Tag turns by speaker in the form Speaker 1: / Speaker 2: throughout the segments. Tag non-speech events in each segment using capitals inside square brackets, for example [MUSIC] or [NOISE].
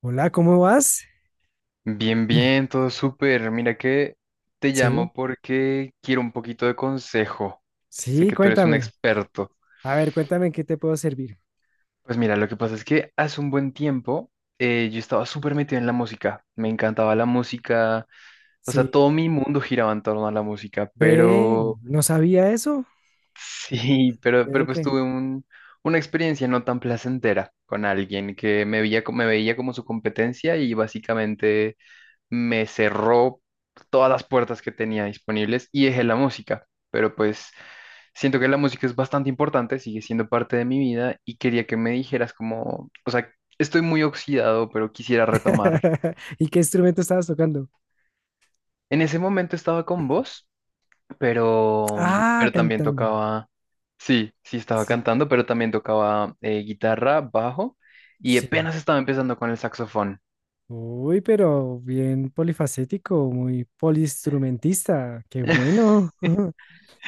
Speaker 1: Hola, ¿cómo vas?
Speaker 2: Bien,
Speaker 1: [CLEARS THROAT]
Speaker 2: bien, todo súper. Mira que te
Speaker 1: Sí,
Speaker 2: llamo porque quiero un poquito de consejo. Sé
Speaker 1: sí,
Speaker 2: que tú eres un
Speaker 1: cuéntame.
Speaker 2: experto.
Speaker 1: A ver, cuéntame en qué te puedo servir.
Speaker 2: Pues mira, lo que pasa es que hace un buen tiempo yo estaba súper metido en la música. Me encantaba la música. O sea,
Speaker 1: Sí,
Speaker 2: todo mi mundo giraba en torno a la música.
Speaker 1: ve,
Speaker 2: Pero
Speaker 1: no sabía eso.
Speaker 2: [LAUGHS] sí, pero,
Speaker 1: Ve
Speaker 2: pero pues
Speaker 1: que-
Speaker 2: tuve una experiencia no tan placentera con alguien que me veía, me veía como su competencia y básicamente me cerró todas las puertas que tenía disponibles y dejé la música. Pero pues siento que la música es bastante importante, sigue siendo parte de mi vida y quería que me dijeras como, o sea, estoy muy oxidado, pero quisiera retomar.
Speaker 1: [LAUGHS] ¿Y qué instrumento estabas tocando?
Speaker 2: En ese momento estaba con vos, pero,
Speaker 1: Ah,
Speaker 2: pero también
Speaker 1: cantando.
Speaker 2: tocaba, sí, sí estaba
Speaker 1: Sí,
Speaker 2: cantando, pero también tocaba guitarra, bajo y
Speaker 1: sí.
Speaker 2: apenas estaba empezando con el saxofón.
Speaker 1: Uy, pero bien polifacético, muy poliinstrumentista. Qué bueno. [LAUGHS]
Speaker 2: [LAUGHS]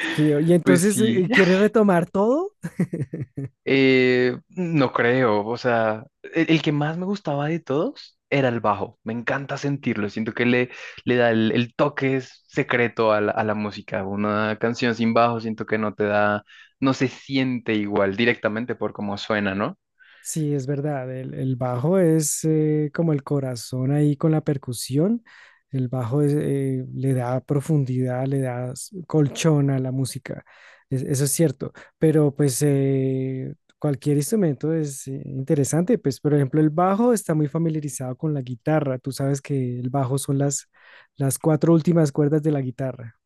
Speaker 1: Que- ¿Y
Speaker 2: Pues
Speaker 1: entonces
Speaker 2: sí.
Speaker 1: quieres retomar todo? [LAUGHS]
Speaker 2: No creo, o sea, el que más me gustaba de todos era el bajo. Me encanta sentirlo, siento que le da el toque secreto a la música. Una canción sin bajo siento que no te da, no se siente igual directamente por cómo suena, ¿no?
Speaker 1: Sí, es verdad. El bajo es como el corazón ahí con la percusión. El bajo es, le da profundidad, le da s- colchón a la música. Es- eso es cierto. Pero pues cualquier instrumento es interesante. Pues por ejemplo, el bajo está muy familiarizado con la guitarra. Tú sabes que el bajo son las cuatro últimas cuerdas de la guitarra.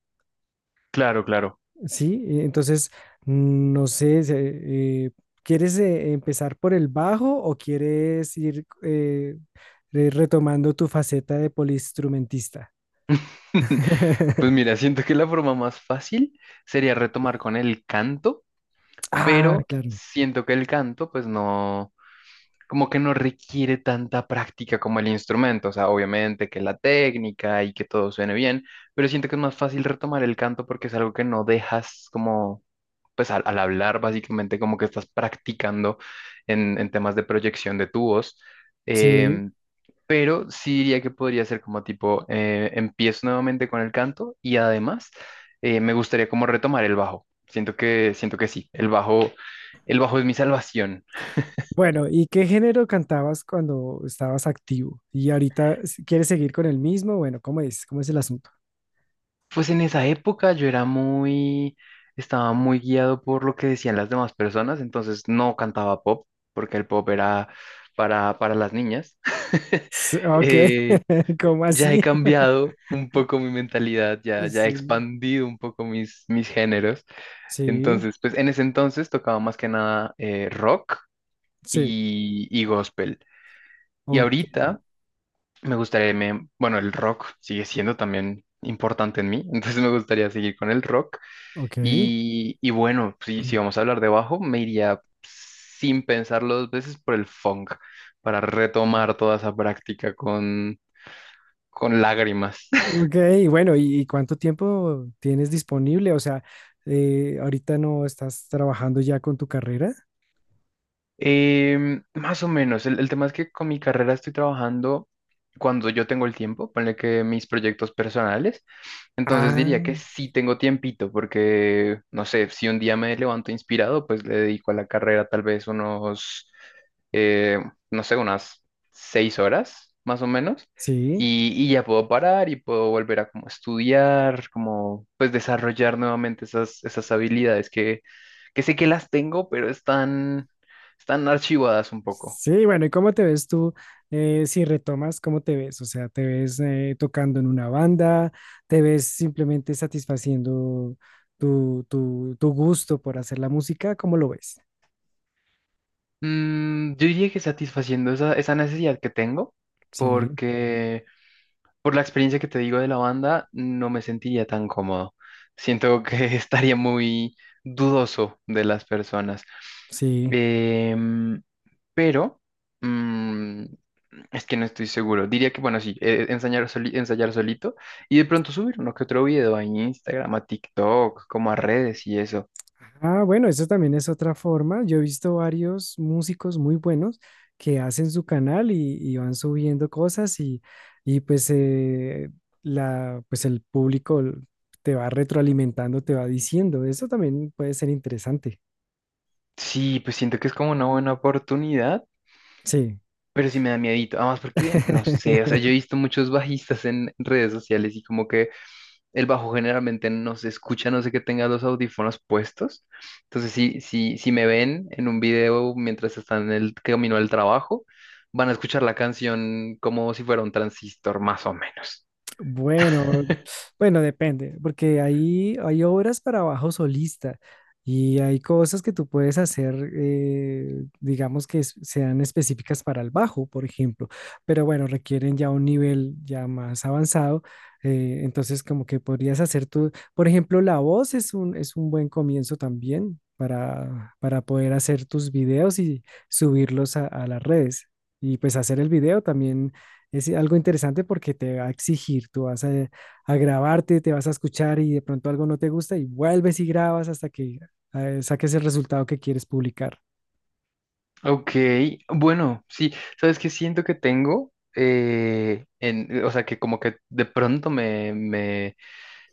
Speaker 2: Claro, claro.
Speaker 1: Sí, entonces, no sé, se- eh, ¿quieres empezar por el bajo o quieres ir re- retomando tu faceta de poliinstrumentista?
Speaker 2: [LAUGHS] Pues
Speaker 1: [LAUGHS]
Speaker 2: mira, siento que la forma más fácil sería retomar con el canto.
Speaker 1: Ah,
Speaker 2: Pero
Speaker 1: claro.
Speaker 2: siento que el canto, pues no, como que no requiere tanta práctica como el instrumento, o sea, obviamente que la técnica y que todo suene bien, pero siento que es más fácil retomar el canto porque es algo que no dejas como, pues al hablar básicamente como que estás practicando en temas de proyección de tu voz.
Speaker 1: Sí.
Speaker 2: Em, pero sí diría que podría ser como tipo, empiezo nuevamente con el canto y además me gustaría como retomar el bajo. Siento que sí, el bajo es mi salvación.
Speaker 1: Bueno, ¿y qué género cantabas cuando estabas activo? ¿Y ahorita s- quieres seguir con el mismo? Bueno, ¿cómo es? ¿Cómo es el asunto?
Speaker 2: Pues en esa época yo era muy, estaba muy guiado por lo que decían las demás personas, entonces no cantaba pop, porque el pop era para las niñas. [LAUGHS]
Speaker 1: Sí, ok,
Speaker 2: Eh,
Speaker 1: [LAUGHS] ¿cómo
Speaker 2: ya he
Speaker 1: así?
Speaker 2: cambiado un poco mi mentalidad, ya, ya he
Speaker 1: Sí,
Speaker 2: expandido un poco mis géneros.
Speaker 1: sí,
Speaker 2: Entonces, pues en ese entonces tocaba más que nada rock
Speaker 1: sí.
Speaker 2: y gospel. Y
Speaker 1: Ok,
Speaker 2: ahorita me gustaría, bueno, el rock sigue siendo también importante en mí, [LAUGHS] entonces me gustaría seguir con el rock.
Speaker 1: ok.
Speaker 2: Y bueno, si, si vamos a hablar de bajo, me iría sin pensarlo dos veces por el funk, para retomar toda esa práctica con lágrimas.
Speaker 1: Ok, bueno, ¿y cuánto tiempo tienes disponible? O sea, ahorita no estás trabajando ya con tu carrera.
Speaker 2: Más o menos, el tema es que con mi carrera estoy trabajando cuando yo tengo el tiempo, ponle que mis proyectos personales, entonces
Speaker 1: Ah,
Speaker 2: diría que sí tengo tiempito, porque no sé, si un día me levanto inspirado, pues le dedico a la carrera tal vez unos, eh, no sé, unas seis horas más o menos,
Speaker 1: sí.
Speaker 2: y ya puedo parar y puedo volver a como estudiar, como pues desarrollar nuevamente esas, esas habilidades que sé que las tengo, pero están están archivadas un poco.
Speaker 1: Sí, bueno, ¿y cómo te ves tú si retomas? ¿Cómo te ves? O sea, ¿te ves tocando en una banda? ¿Te ves simplemente satisfaciendo tu gusto por hacer la música? ¿Cómo lo ves?
Speaker 2: Mm, yo diría que satisfaciendo esa, esa necesidad que tengo,
Speaker 1: Sí,
Speaker 2: porque por la experiencia que te digo de la banda, no me sentiría tan cómodo. Siento que [LAUGHS] estaría muy dudoso de las personas.
Speaker 1: sí.
Speaker 2: Em, pero mm, es que no estoy seguro. Diría que, bueno, sí, ensayar, ensayar solito y de pronto subir uno que otro video a Instagram, a TikTok, como a redes y eso.
Speaker 1: Ah, bueno, eso también es otra forma. Yo he visto varios músicos muy buenos que hacen su canal y van subiendo cosas y pues, la, pues el público te va retroalimentando, te va diciendo. Eso también puede ser interesante.
Speaker 2: Sí, pues siento que es como una buena oportunidad.
Speaker 1: Sí.
Speaker 2: Pero sí me da miedito, además porque, no sé, o sea, yo he
Speaker 1: [LAUGHS]
Speaker 2: visto muchos bajistas en redes sociales y como que el bajo generalmente no se escucha, a no sé que tenga los audífonos puestos. Entonces, sí, sí, si me ven en un video mientras están en el camino al trabajo, van a escuchar la canción como si fuera un transistor, más o menos.
Speaker 1: Bueno, bueno, depende, porque ahí hay obras para bajo solista y hay cosas que tú puedes hacer, digamos que es- sean específicas para el bajo, por ejemplo, pero bueno, requieren ya un nivel ya más avanzado, entonces como que podrías hacer tú, por ejemplo, la voz es un buen comienzo también para poder hacer tus videos y subirlos a las redes. Y pues hacer el video también es algo interesante porque te va a exigir, tú vas a grabarte, te vas a escuchar y de pronto algo no te gusta y vuelves y grabas hasta que saques el resultado que quieres publicar.
Speaker 2: Ok, bueno, sí, ¿sabes que siento que tengo? O sea, que como que de pronto me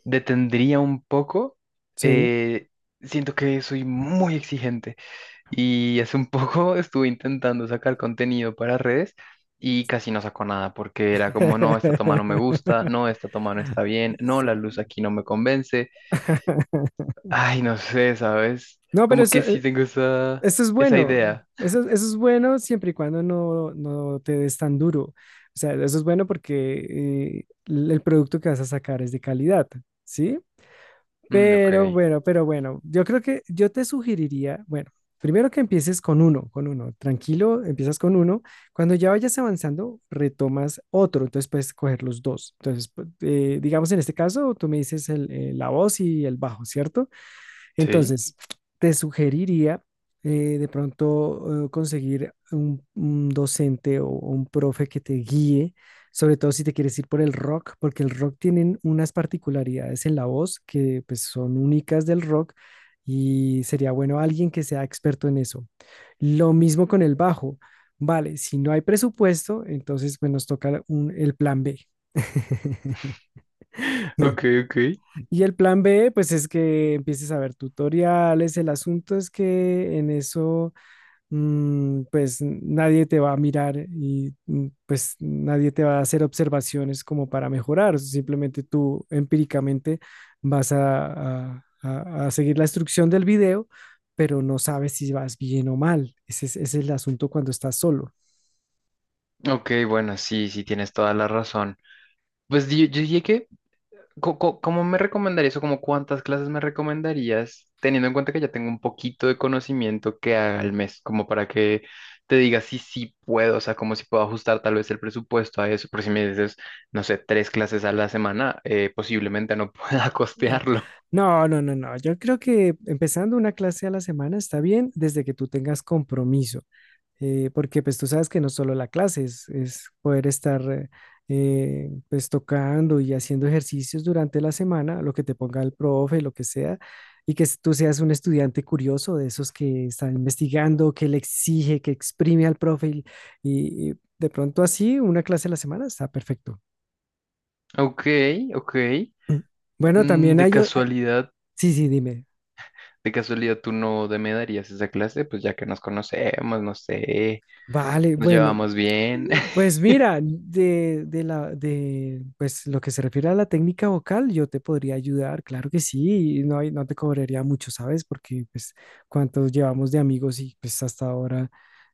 Speaker 2: detendría un poco.
Speaker 1: Sí.
Speaker 2: eh, siento que soy muy exigente y hace un poco [LAUGHS] estuve intentando sacar contenido para redes y casi no sacó nada porque era como, no, esta toma no me gusta, no,
Speaker 1: [LAUGHS]
Speaker 2: esta toma no está bien, no,
Speaker 1: Sí.
Speaker 2: la luz aquí no me convence. Ay, no sé, ¿sabes?
Speaker 1: No, pero
Speaker 2: Como
Speaker 1: eso,
Speaker 2: que sí tengo esa,
Speaker 1: eso es
Speaker 2: esa
Speaker 1: bueno.
Speaker 2: idea.
Speaker 1: Eso es bueno siempre y cuando no, no te des tan duro. O sea, eso es bueno porque el producto que vas a sacar es de calidad, ¿sí?
Speaker 2: Mm, ok,
Speaker 1: Pero bueno, yo creo que yo te sugeriría, bueno, primero que empieces con uno, tranquilo, empiezas con uno, cuando ya vayas avanzando, retomas otro, entonces puedes coger los dos. Entonces, pu- digamos en este caso, tú me dices el, la voz y el bajo, ¿cierto?
Speaker 2: sí,
Speaker 1: Entonces, te sugeriría de pronto conseguir un docente o un profe que te guíe, sobre todo si te quieres ir por el rock, porque el rock tienen unas particularidades en la voz que pues, son únicas del rock y sería bueno alguien que sea experto en eso. Lo mismo con el bajo. Vale, si no hay presupuesto, entonces pues, nos toca un- el plan B. [LAUGHS]
Speaker 2: ok, ok.
Speaker 1: Y el plan B, pues es que empieces a ver tutoriales. El asunto es que en eso, pues nadie te va a mirar y pues nadie te va a hacer observaciones como para mejorar. Simplemente tú empíricamente vas a seguir la instrucción del video, pero no sabes si vas bien o mal. Ese es el asunto cuando estás solo.
Speaker 2: Ok, bueno, sí, sí, tienes toda la razón. Pues yo, dije que ¿Cómo me recomendarías o como cuántas clases me recomendarías, teniendo en cuenta que ya tengo un poquito de conocimiento que haga al mes, como para que te diga si sí puedo, o sea, como si puedo ajustar tal vez el presupuesto a eso, pero si me dices, no sé, tres clases a la semana, posiblemente no [LAUGHS] pueda costearlo.
Speaker 1: No, no, no, no. Yo creo que empezando una clase a la semana está bien desde que tú tengas compromiso. Porque pues tú sabes que no solo la clase es poder estar pues tocando y haciendo ejercicios durante la semana, lo que te ponga el profe, lo que sea, y que tú seas un estudiante curioso de esos que está investigando, que le exige, que exprime al profe y de pronto así una clase a la semana está perfecto.
Speaker 2: Ok, ok.
Speaker 1: [CLEARS THROAT] Bueno,
Speaker 2: Mm,
Speaker 1: también
Speaker 2: de
Speaker 1: hay... o- hay-
Speaker 2: casualidad,
Speaker 1: Sí, sí, dime.
Speaker 2: de casualidad tú no de- me darías esa clase, pues ya que nos conocemos, no sé,
Speaker 1: Vale,
Speaker 2: nos
Speaker 1: bueno,
Speaker 2: llevamos bien.
Speaker 1: pues mira, de la, de, pues lo que se refiere a la técnica vocal, yo te podría ayudar, claro que sí, y no, hay- no te cobraría mucho, ¿sabes? Porque pues cuántos llevamos de amigos y pues hasta ahora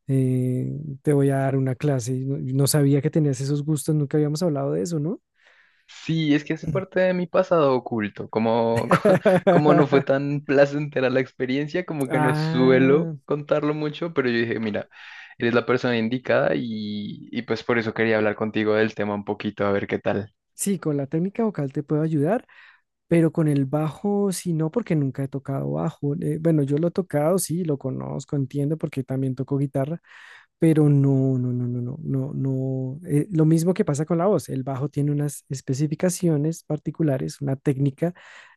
Speaker 1: eh, te voy a dar una clase. No, no sabía que tenías esos gustos, nunca habíamos hablado de eso, ¿no?
Speaker 2: Sí, es que hace parte de mi pasado oculto. Como, [LAUGHS] como no fue
Speaker 1: [LAUGHS]
Speaker 2: tan placentera la experiencia, como que no
Speaker 1: Ah,
Speaker 2: suelo contarlo mucho, pero yo dije, mira, eres la persona indicada y pues por eso quería hablar contigo del tema un poquito, a ver qué tal.
Speaker 1: sí, con la técnica vocal te puedo ayudar. Pero con el bajo, sí, no, porque nunca he tocado bajo. Bueno, yo lo he tocado, sí, lo conozco, entiendo, porque también toco guitarra, pero no, no, no, no, no, no, no. Lo mismo que pasa con la voz, el bajo tiene unas especificaciones particulares, una técnica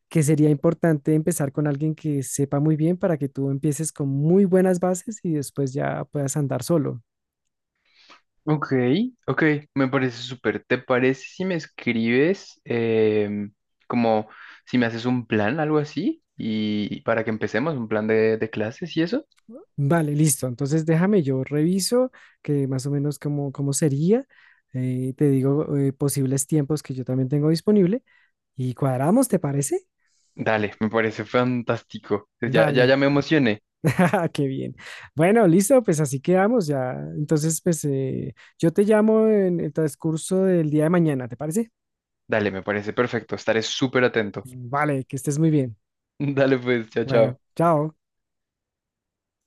Speaker 1: que sería importante empezar con alguien que sepa muy bien para que tú empieces con muy buenas bases y después ya puedas andar solo.
Speaker 2: Ok, ok, me parece súper. ¿Te parece si me escribes como si me haces un plan, algo así? Y para que empecemos, un plan de clases y eso.
Speaker 1: Vale, listo. Entonces déjame, yo reviso que más o menos cómo, cómo sería. Te digo posibles tiempos que yo también tengo disponible y cuadramos, ¿te parece?
Speaker 2: Dale, me parece fantástico. Ya, ya,
Speaker 1: Dale,
Speaker 2: ya me emocioné.
Speaker 1: [LAUGHS] qué bien. Bueno, listo, pues así quedamos ya. Entonces, pues yo te llamo en el transcurso del día de mañana, ¿te parece?
Speaker 2: Dale, me parece perfecto. Estaré súper atento.
Speaker 1: Vale, que estés muy bien.
Speaker 2: [LAUGHS] Dale pues, chao,
Speaker 1: Bueno,
Speaker 2: chao.
Speaker 1: chao.